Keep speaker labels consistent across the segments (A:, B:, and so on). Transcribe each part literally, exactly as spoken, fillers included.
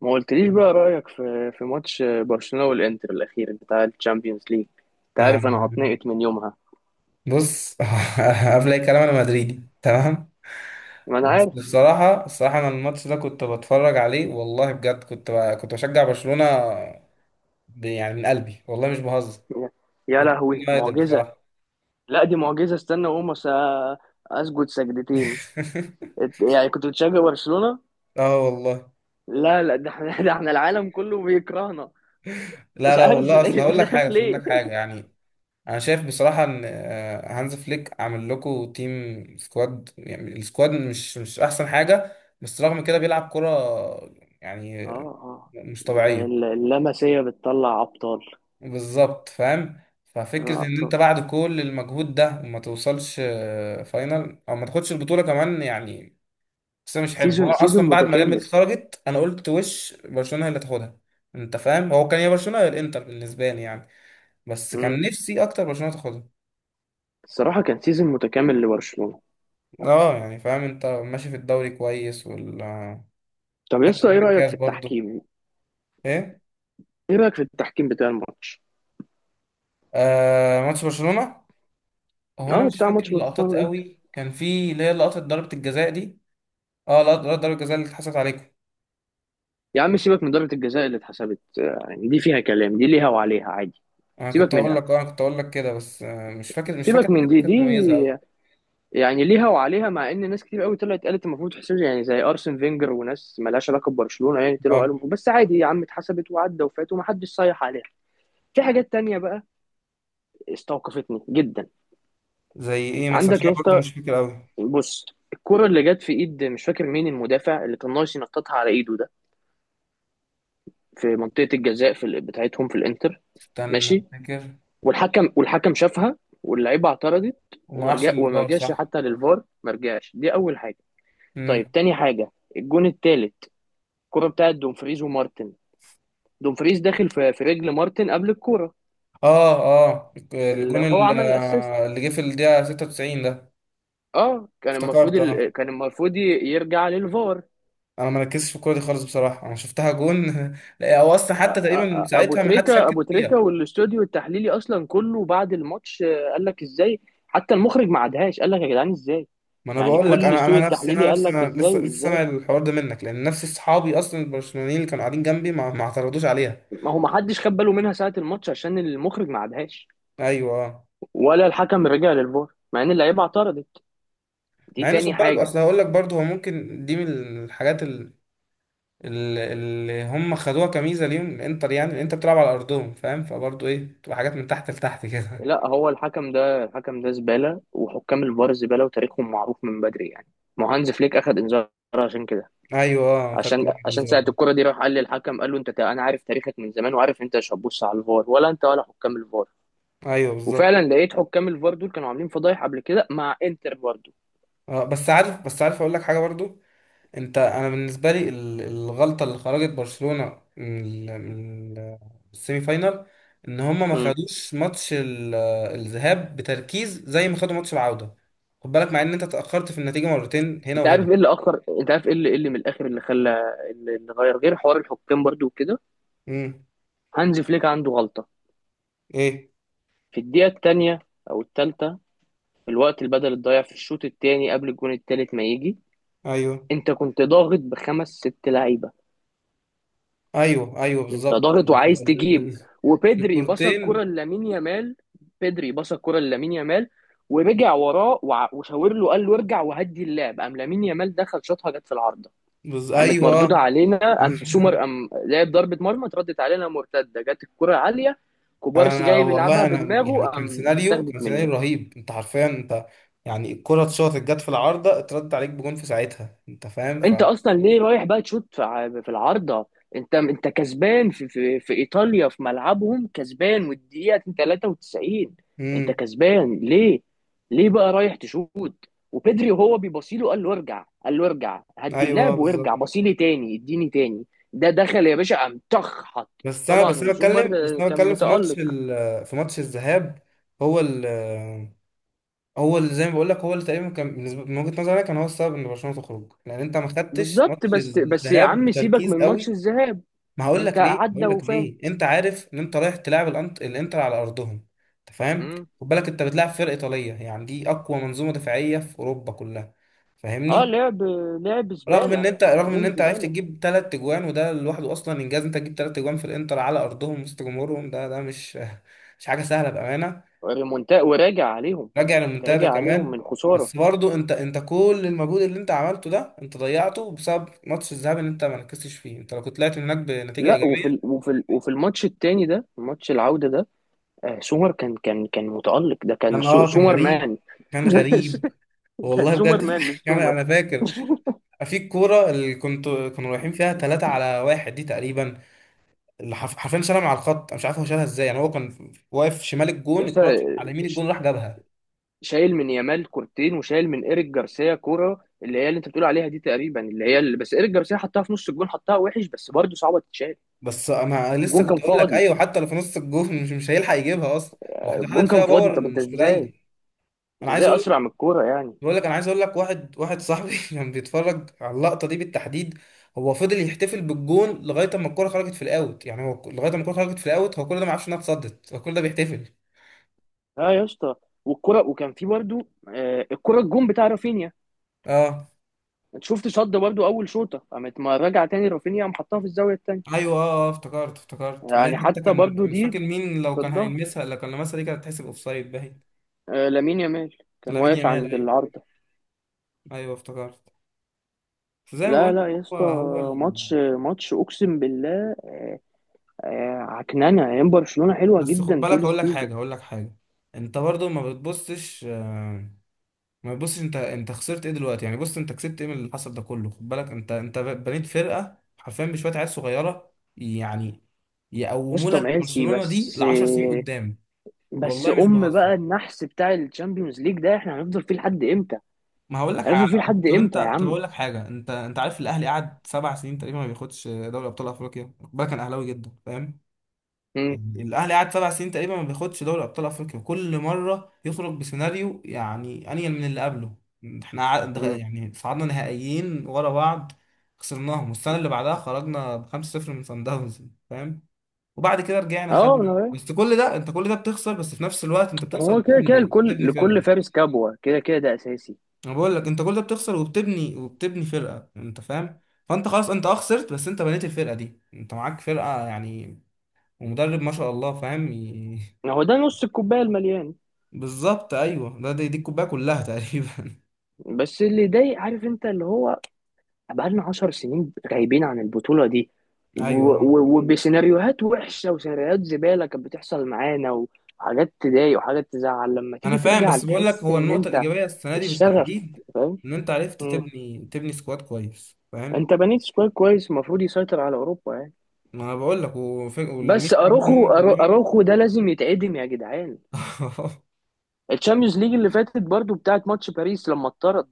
A: ما قلتليش بقى رأيك في في ماتش برشلونة والإنتر الأخير بتاع الشامبيونز ليج. أنت
B: آه،
A: عارف أنا هتنقط من يومها.
B: بص. قبل اي كلام انا مدريدي تمام.
A: ما أنا
B: بس
A: عارف.
B: بصراحه الصراحه انا الماتش ده كنت بتفرج عليه والله بجد كنت ب... كنت بشجع برشلونه، ب... يعني من قلبي والله مش بهزر،
A: يا
B: وده
A: لهوي،
B: كان نادر
A: معجزة!
B: بصراحه.
A: لا، دي معجزة، استنى وأقوم أس- أسجد سجدتين. إت- يعني كنت بتشجع برشلونة؟
B: اه والله.
A: لا لا، ده احنا ده احنا العالم كله بيكرهنا.
B: لا
A: مش
B: لا
A: عارف
B: والله، اصل
A: ليه-
B: هقول لك
A: مش
B: حاجه
A: عارف
B: أصل هقول
A: ليه.
B: لك حاجه يعني، انا شايف بصراحه ان آه، هانز فليك عامل لكم تيم سكواد، يعني السكواد مش مش احسن حاجه، بس رغم كده بيلعب كره يعني
A: اه اه.
B: مش
A: ال-
B: طبيعيه.
A: ال- اللمسية بتطلع أبطال.
B: بالظبط، فاهم.
A: بتطلع
B: ففكرة ان انت
A: أبطال.
B: بعد كل المجهود ده وما توصلش آه، فاينل او ما تاخدش البطولة كمان يعني بس مش حلو. هو
A: سيزون سيزون
B: اصلا بعد ما ريال مدريد
A: متكامل.
B: خرجت انا قلت وش برشلونة هي اللي تاخدها. انت فاهم، هو كان يا برشلونة يا الانتر بالنسبة لي يعني، بس كان
A: مم.
B: نفسي اكتر برشلونة تاخدها.
A: الصراحة كان سيزون متكامل لبرشلونة.
B: اه يعني فاهم، انت ماشي في الدوري كويس والكاس
A: طب يا اسطى، ايه رايك في
B: برضو.
A: التحكيم
B: ايه؟
A: ايه رايك في التحكيم بتاع الماتش؟
B: آه، ماتش برشلونة. هو انا
A: اه،
B: مش
A: بتاع
B: فاكر
A: ماتش برشلونه
B: اللقطات
A: والانتر.
B: قوي، كان في اللي هي لقطة ضربة الجزاء دي. اه، لقطة لقطة ضربة الجزاء اللي اتحسبت عليكم.
A: يا عم سيبك من ضربه الجزاء اللي اتحسبت، آه، يعني دي فيها كلام، دي ليها وعليها عادي.
B: انا كنت
A: سيبك
B: اقول
A: منها،
B: لك اه أنا كنت اقول لك كده بس آه، مش فاكر مش فاكر
A: سيبك
B: حاجه
A: من دي
B: كانت مميزه قوي.
A: دي يعني ليها وعليها، مع ان ناس كتير قوي طلعت قالت المفروض تحسب، يعني زي ارسن فينجر وناس ملهاش علاقه ببرشلونه، يعني طلعوا قالوا
B: اه.
A: المفروض- بس عادي يا عم، اتحسبت وعدى وفات ومحدش صيح عليها. في حاجات تانية بقى استوقفتني جدا.
B: زي ايه مثلا، عشان
A: عندك يا
B: أنا برضو
A: اسطى،
B: مش فاكر قوي.
A: بص. الكرة اللي جت في ايد، مش فاكر مين المدافع اللي كان ناقص ينططها على ايده ده، في منطقة الجزاء، في ال- بتاعتهم في الانتر.
B: استنى
A: ماشي.
B: افتكر.
A: والحكم والحكم شافها، واللعيبة اعترضت.
B: وما راحش
A: ومرجع
B: للفار،
A: ومرجعش
B: صح.
A: حتى للفار، مرجعش. دي أول حاجة. طيب،
B: امم.
A: تاني حاجة، الجون التالت، الكرة بتاعت دومفريز ومارتن. دومفريز داخل في, في رجل مارتن قبل الكرة،
B: اه اه الجون
A: اللي هو
B: ال-
A: عمل الاسيست.
B: آه، اللي جه في الدقيقه ستة وتسعين ده.
A: اه، كان المفروض
B: افتكرت
A: ال...
B: اه.
A: كان المفروض ي- يرجع للفار.
B: انا ما ركزتش في الكوره دي خالص بصراحه، انا شفتها جون. لا هو اصلا حتى تقريبا
A: ابو
B: ساعتها ما حدش
A: تريكا،
B: ركز
A: ابو تريكا
B: فيها.
A: والاستوديو التحليلي اصلا كله بعد الماتش آه، قال لك ازاي. حتى المخرج ما عادهاش، قال لك يا جدعان ازاي.
B: ما انا
A: يعني
B: بقول لك،
A: كل
B: انا
A: الاستوديو
B: انا نفسي،
A: التحليلي
B: انا
A: قال
B: نفسي،
A: لك
B: انا لسه
A: ازاي
B: لسه سامع
A: ازاي
B: الحوار ده منك، لان نفس اصحابي اصلا البرشلونيين اللي كانوا قاعدين جنبي ما ما اعترضوش عليها.
A: ما هو ما حدش خد باله منها ساعة الماتش عشان المخرج ما عادهاش،
B: ايوه آه.
A: ولا الحكم رجع للفار مع ان اللعيبه اعترضت. دي
B: مع ان
A: تاني
B: خد بالك،
A: حاجه.
B: اصل هقول لك برضه هو ممكن دي من الحاجات ال- ال- اللي هم خدوها كميزه ليهم الانتر، يعني الانتر بتلعب على ارضهم، فاهم، فبرضه ايه، بتبقى حاجات من تحت لتحت كده.
A: لا، هو الحكم ده الحكم ده زباله، وحكام الفار زباله، وتاريخهم معروف من بدري يعني. ما هو هانز فليك اخد انذار عشان كده.
B: ايوه اه، خدت
A: عشان
B: بالي من
A: عشان
B: النظام
A: ساعة
B: ده.
A: الكرة دي راح قال للحكم، قال له انت تا- انا عارف تاريخك من زمان، وعارف انت مش هتبص على الفار، ولا انت ولا حكام الفار.
B: ايوه بالظبط.
A: وفعلا لقيت حكام الفار دول كانوا عاملين فضايح قبل كده مع انتر برضه.
B: اه بس عارف، بس عارف اقول لك حاجه برضه. انت انا بالنسبه لي ال- الغلطه اللي خرجت برشلونه من ال- من ال- السيمي فاينال، ان هم ما
A: مم.
B: خدوش ماتش ال- الذهاب بتركيز زي ما خدوا ماتش العوده. خد بالك، مع ان انت اتاخرت في النتيجه مرتين هنا
A: انت عارف
B: وهنا.
A: ايه اللي اخر انت عارف ايه اللي إيه اللي من الاخر اللي خلى اللي اللي غير غير حوار الحكام برضه وكده.
B: مم.
A: هانز فليك عنده غلطة
B: ايه؟
A: في الدقيقة التانية او التالتة، في الوقت البدل الضايع في الشوط التاني قبل الجون التالت ما يجي.
B: ايوه
A: انت كنت ضاغط بخمس ست لعيبة،
B: ايوه ايوه
A: انت
B: بالظبط.
A: ضاغط وعايز تجيب،
B: ال-
A: وبدري باص الكرة
B: الكورتين.
A: لامين يامال. بدري باص الكرة لامين يامال ورجع وراه وع- وشاور له، قال له ارجع وهدي اللعب. قام لامين يامال دخل شاطها جت في العارضة،
B: بز...
A: قامت
B: ايوه.
A: مردودة علينا، قام سومر قام لعب ضربة مرمى اتردت علينا مرتدة، جت الكرة عالية، كوبارسي
B: انا
A: جاي بيلعبها
B: والله انا يعني
A: بدماغه
B: كان
A: قام
B: سيناريو،
A: اتاخدت
B: كان سيناريو
A: منه.
B: رهيب، انت حرفيا انت يعني الكرة اتشاطت، جت في العارضة، اترد عليك بجون في ساعتها، انت فاهم، ف...
A: انت اصلا ليه رايح بقى تشوط في ع- في العارضه؟ انت انت كسبان، في في, في ايطاليا في ملعبهم كسبان، والدقيقه تلاتة وتسعين، انت
B: امم.
A: كسبان ليه؟ ليه بقى رايح تشوط؟ وبيدري وهو بيبصيله قال له ارجع، قال له ارجع هدي
B: ايوه
A: اللعب وارجع
B: بالظبط.
A: بصيلي تاني، اديني تاني. ده دخل يا باشا قام طخ حط.
B: بس انا
A: طبعا،
B: بس انا
A: وزومر
B: بتكلم بس
A: آه،
B: انا
A: كان
B: بتكلم في ماتش
A: متألق.
B: ال... في ماتش الذهاب. هو ال... هو اللي زي ما بقول لك، هو اللي تقريبا كان بالنسبه من وجهه نظري أنا كان هو السبب ان برشلونه تخرج، لان انت ما خدتش
A: بالظبط،
B: ماتش
A: بس بس يا
B: الذهاب
A: عم سيبك
B: بتركيز
A: من ماتش
B: قوي.
A: الذهاب،
B: ما هقول
A: انت
B: لك ليه
A: عدى
B: هقول لك
A: وفات.
B: ليه. انت عارف ان انت رايح تلعب الانت... الانتر على ارضهم، انت فاهم.
A: مم.
B: خد بالك انت بتلعب فرقه ايطاليه، يعني دي اقوى منظومه دفاعيه في اوروبا كلها،
A: اه،
B: فاهمني.
A: لعب، لعب
B: رغم ان
A: زباله
B: انت رغم ان
A: لعبهم
B: انت عرفت
A: زباله.
B: تجيب ثلاث اجوان، وده لوحده اصلا انجاز. انت تجيب ثلاث اجوان في الانتر على ارضهم وسط جمهورهم، ده ده مش مش حاجه سهله بامانه.
A: ريمونتا وراجع عليهم،
B: راجع
A: انت
B: للمنتدى
A: راجع عليهم
B: كمان.
A: من خساره.
B: بس برضو انت انت كل المجهود اللي انت عملته ده انت ضيعته بسبب ماتش الذهاب اللي انت ما ركزتش فيه. انت لو كنت طلعت من هناك بنتيجه
A: لا، وفي ال...
B: ايجابيه...
A: وفي ال... وفي الماتش التاني ده، ماتش العوده ده، آه سومر كان كان كان متالق، ده كان
B: كان
A: سو...
B: اه كان
A: سومر
B: غريب.
A: مان.
B: كان غريب.
A: كان
B: والله
A: سومر
B: بجد.
A: مان مش
B: كان...
A: سومر.
B: انا فاكر في الكوره اللي كنت كانوا رايحين فيها ثلاثة على واحد دي تقريبا، اللي حرف- حرفيا شالها من على الخط. انا مش عارف هو شالها ازاي يعني. هو كان واقف شمال الجون،
A: لسه
B: الكوره كانت على يمين
A: ش-
B: الجون، راح جابها.
A: شايل من يامال كورتين وشايل من ايريك جارسيا كوره، اللي هي اللي انت بتقول عليها دي تقريبا، اللي هي اللي بس ايريك جارسيا حطها في نص الجون، حطها وحش بس برضه صعبه تتشال.
B: بس انا لسه
A: الجون
B: كنت
A: كان
B: اقول لك
A: فاضي.
B: ايوه، حتى لو في نص الجون مش مش هيلحق يجيبها اصلا.
A: آه،
B: واحده
A: الجون
B: حاطط
A: كان
B: فيها
A: فاضي،
B: باور
A: طب انت
B: مش
A: ازاي
B: قليل.
A: انت
B: انا عايز
A: ازاي
B: اقول
A: اسرع من الكوره يعني؟
B: بقول لك انا عايز اقول لك، واحد، واحد صاحبي كان بيتفرج على اللقطه دي بالتحديد، هو فضل يحتفل بالجون لغايه اما الكوره خرجت في الاوت. يعني هو لغايه اما الكوره خرجت في الاوت هو كل ده ما عرفش انها اتصدت، هو كل ده بيحتفل.
A: اه يا اسطى، والكرة وكان في برضو، آه، الكرة الجون بتاع رافينيا.
B: اه.
A: انت شفت صد برضو اول شوطة، قامت ما راجع تاني رافينيا قام حطها في الزاوية التانية.
B: ايوه اه اه افتكرت، افتكرت اللي هي
A: يعني
B: حتى
A: حتى
B: كان
A: برضو
B: كان مش فاكر
A: دي
B: مين، لو كان
A: صدها،
B: هيلمسها، لو كان لمسها دي كانت هتحسب اوفسايد باين.
A: آه، لامين يامال كان
B: لامين
A: واقف
B: يامال،
A: عند
B: ايوه.
A: العارضة.
B: ايوه افتكرت. فزي ما بقول
A: لا لا
B: لك،
A: يا
B: هو
A: اسطى،
B: هو ال...
A: ماتش ماتش اقسم بالله، آه، عكننه ايام برشلونة حلوة
B: بس خد
A: جدا
B: بالك
A: طول
B: هقول لك
A: السيزون.
B: حاجه، هقول لك حاجه انت برضو ما بتبصش آه، ما بص، انت انت خسرت ايه دلوقتي يعني؟ بص انت كسبت ايه من اللي حصل ده كله؟ خد بالك، انت انت بنيت فرقه حرفيا بشويه عيال صغيره يعني،
A: يا
B: يقوموا
A: اسطى
B: لك
A: ماشي،
B: برشلونه دي
A: بس
B: ل عشر سنين
A: آه،
B: قدام.
A: بس
B: والله مش
A: ام
B: بهزر.
A: بقى النحس بتاع الشامبيونز ليج ده احنا هنفضل فيه لحد امتى؟
B: ما هقول لك حاجه.
A: هنفضل فيه لحد
B: طب انت
A: امتى يا
B: طب
A: عم؟
B: اقول لك حاجه. انت انت عارف الاهلي قعد سبع سنين تقريبا ما بياخدش دوري ابطال افريقيا؟ خد بالك انا اهلاوي جدا، فاهم.
A: مم.
B: يعني الاهلي قعد سبع سنين تقريبا ما بياخدش دوري ابطال افريقيا، وكل مره يخرج بسيناريو يعني انيل من اللي قبله. احنا ع- دخ-
A: مم.
B: يعني صعدنا نهائيين ورا بعض، خسرناهم، والسنه اللي بعدها خرجنا ب خمسة صفر من صن داونز، فاهم. وبعد كده رجعنا
A: اه.
B: خدنا. بس كل ده انت، كل ده بتخسر، بس في نفس الوقت انت بتخسر
A: هو كده كده،
B: وبتبني
A: لكل
B: بتبني
A: لكل
B: فرقه.
A: فارس كبوة، كده كده ده أساسي.
B: انا بقول لك انت كل ده بتخسر وبتبني وبتبني فرقه، انت فاهم. فانت خلاص، انت اه خسرت، بس انت بنيت الفرقه دي، انت معاك فرقه يعني، ومدرب ما شاء الله، فاهم.
A: هو ده نص الكوباية المليان.
B: بالظبط، ايوه. ده دي, دي الكوبايه كلها تقريبا.
A: بس اللي يضايق، عارف أنت اللي هو، بقالنا عشر سنين غايبين عن البطولة دي، و-
B: ايوه آه.
A: و- وبسيناريوهات وحشة وسيناريوهات زبالة كانت بتحصل معانا، وحاجات تضايق وحاجات تزعل لما
B: انا
A: تيجي
B: فاهم،
A: ترجع
B: بس بقول لك
A: تحس
B: هو
A: إن
B: النقطه
A: أنت
B: الايجابيه السنه دي
A: الشغف،
B: بالتحديد،
A: فاهم.
B: ان انت عرفت
A: مم.
B: تبني تبني سكواد كويس، فاهم.
A: أنت بنيت سكواد كويس المفروض يسيطر على أوروبا يعني.
B: ما انا بقول لك وف-
A: بس
B: والميزه كمان
A: أروخو
B: ان هم
A: أرو-
B: كلهم...
A: أروخو ده لازم يتعدم يا جدعان. الشامبيونز ليج اللي فاتت برضو بتاعت ماتش باريس لما اتطرد،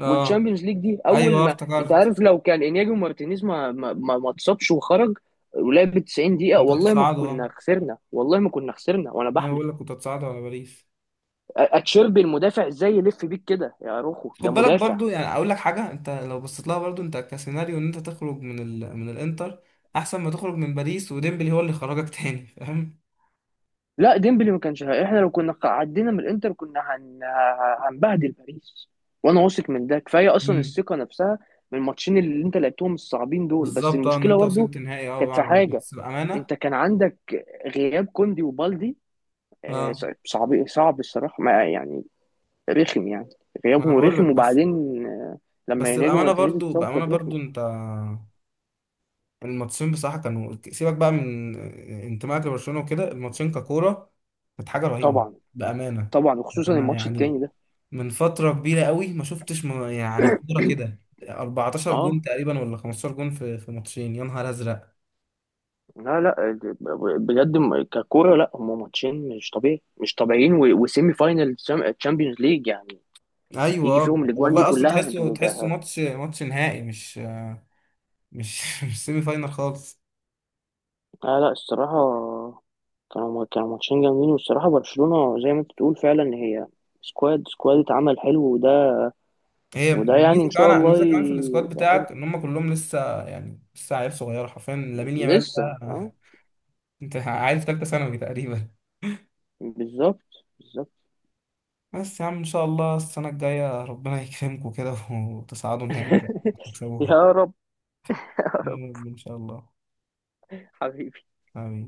B: اه
A: والتشامبيونز ليج دي اول
B: ايوه آه،
A: ما انت
B: افتكرت.
A: عارف، لو كان انياجي ومارتينيز ما ما ما ما اتصابش وخرج ولعب تسعين دقيقة،
B: كنت
A: والله ما
B: هتصعدوا
A: كنا
B: اه.
A: خسرنا. والله ما كنا خسرنا وانا
B: انا
A: بحلف أ-
B: بقول لك كنت هتصعدوا على باريس.
A: اتشيربي المدافع ازاي يلف بيك كده يا روخو، ده
B: خد بالك
A: مدافع.
B: برضو يعني اقول لك حاجه، انت لو بصيت لها برضو انت كسيناريو، ان انت تخرج من ال... من الانتر احسن ما تخرج من باريس، وديمبلي هو اللي خرجك تاني، فاهم.
A: لا، ديمبلي ما كانش، احنا لو كنا عدينا من الانتر كنا هن... هنبهدل باريس. وانا واثق من ده كفايه، اصلا الثقه نفسها من الماتشين اللي انت لعبتهم الصعبين دول. بس
B: بالظبط اه. ان
A: المشكله
B: انت
A: برضو
B: وصلت نهائي اه
A: كانت في
B: بعد ما-
A: حاجه،
B: بس بامانه...
A: انت كان عندك غياب كوندي وبالدي، آه،
B: اه.
A: ص- صعب صعب الصراحة ما يعني، رخم يعني،
B: ما انا
A: غيابهم
B: بقول لك.
A: رخم.
B: بس
A: وبعدين آه، لما
B: بس
A: يناجم
B: بامانه
A: مارتينيز
B: برضو
A: اتصاب
B: بامانه
A: كانت
B: برضو
A: رخمة.
B: انت الماتشين بصراحه كانوا... سيبك بقى من انتمائك لبرشلونه وكده، الماتشين ككوره كانت حاجه رهيبه،
A: طبعا.
B: بامانه.
A: طبعا وخصوصا
B: انا
A: الماتش التاني
B: يعني
A: ده،
B: من فتره كبيره قوي ما شفتش م- يعني كوره كده. اربعتاشر جون
A: اه.
B: تقريبا ولا خمسة عشر جون في في ماتشين، يا نهار ازرق.
A: لا لا، ب- ب- بجد م- ككورة. لا هم ماتشين مش طبيعي، مش طبيعيين، و- وسيمي فاينل تشامبيونز ليج يعني، يجي
B: ايوه
A: فيهم الاجوان دي
B: والله، اصلا
A: كلها،
B: تحسه،
A: انتوا بت-
B: تحسه
A: اه.
B: ماتش، ماتش نهائي مش مش مش سيمي فاينال خالص.
A: لا الصراحة، كانوا كانوا ماتشين جامدين، والصراحة برشلونة زي ما انت بتقول فعلا هي سكواد، سكواد اتعمل حلو. وده،
B: هي
A: وده يعني
B: الميزه
A: ان
B: كمان،
A: شاء الله
B: الميزه كمان في السكواد
A: يبقى حلو،
B: بتاعك، ان هم كلهم لسه، يعني لسه عيال صغيره، حرفيا لامين يامال
A: لسه
B: ده
A: اه.
B: انت عيل في ثالثه ثانوي تقريبا.
A: بالظبط بالظبط.
B: بس يا عم ان شاء الله السنه الجايه ربنا يكرمكم كده وتصعدوا نهائي ان شاء الله تكسبوها.
A: يا رب، يا
B: يا
A: رب،
B: رب ان شاء الله.
A: حبيبي.
B: امين.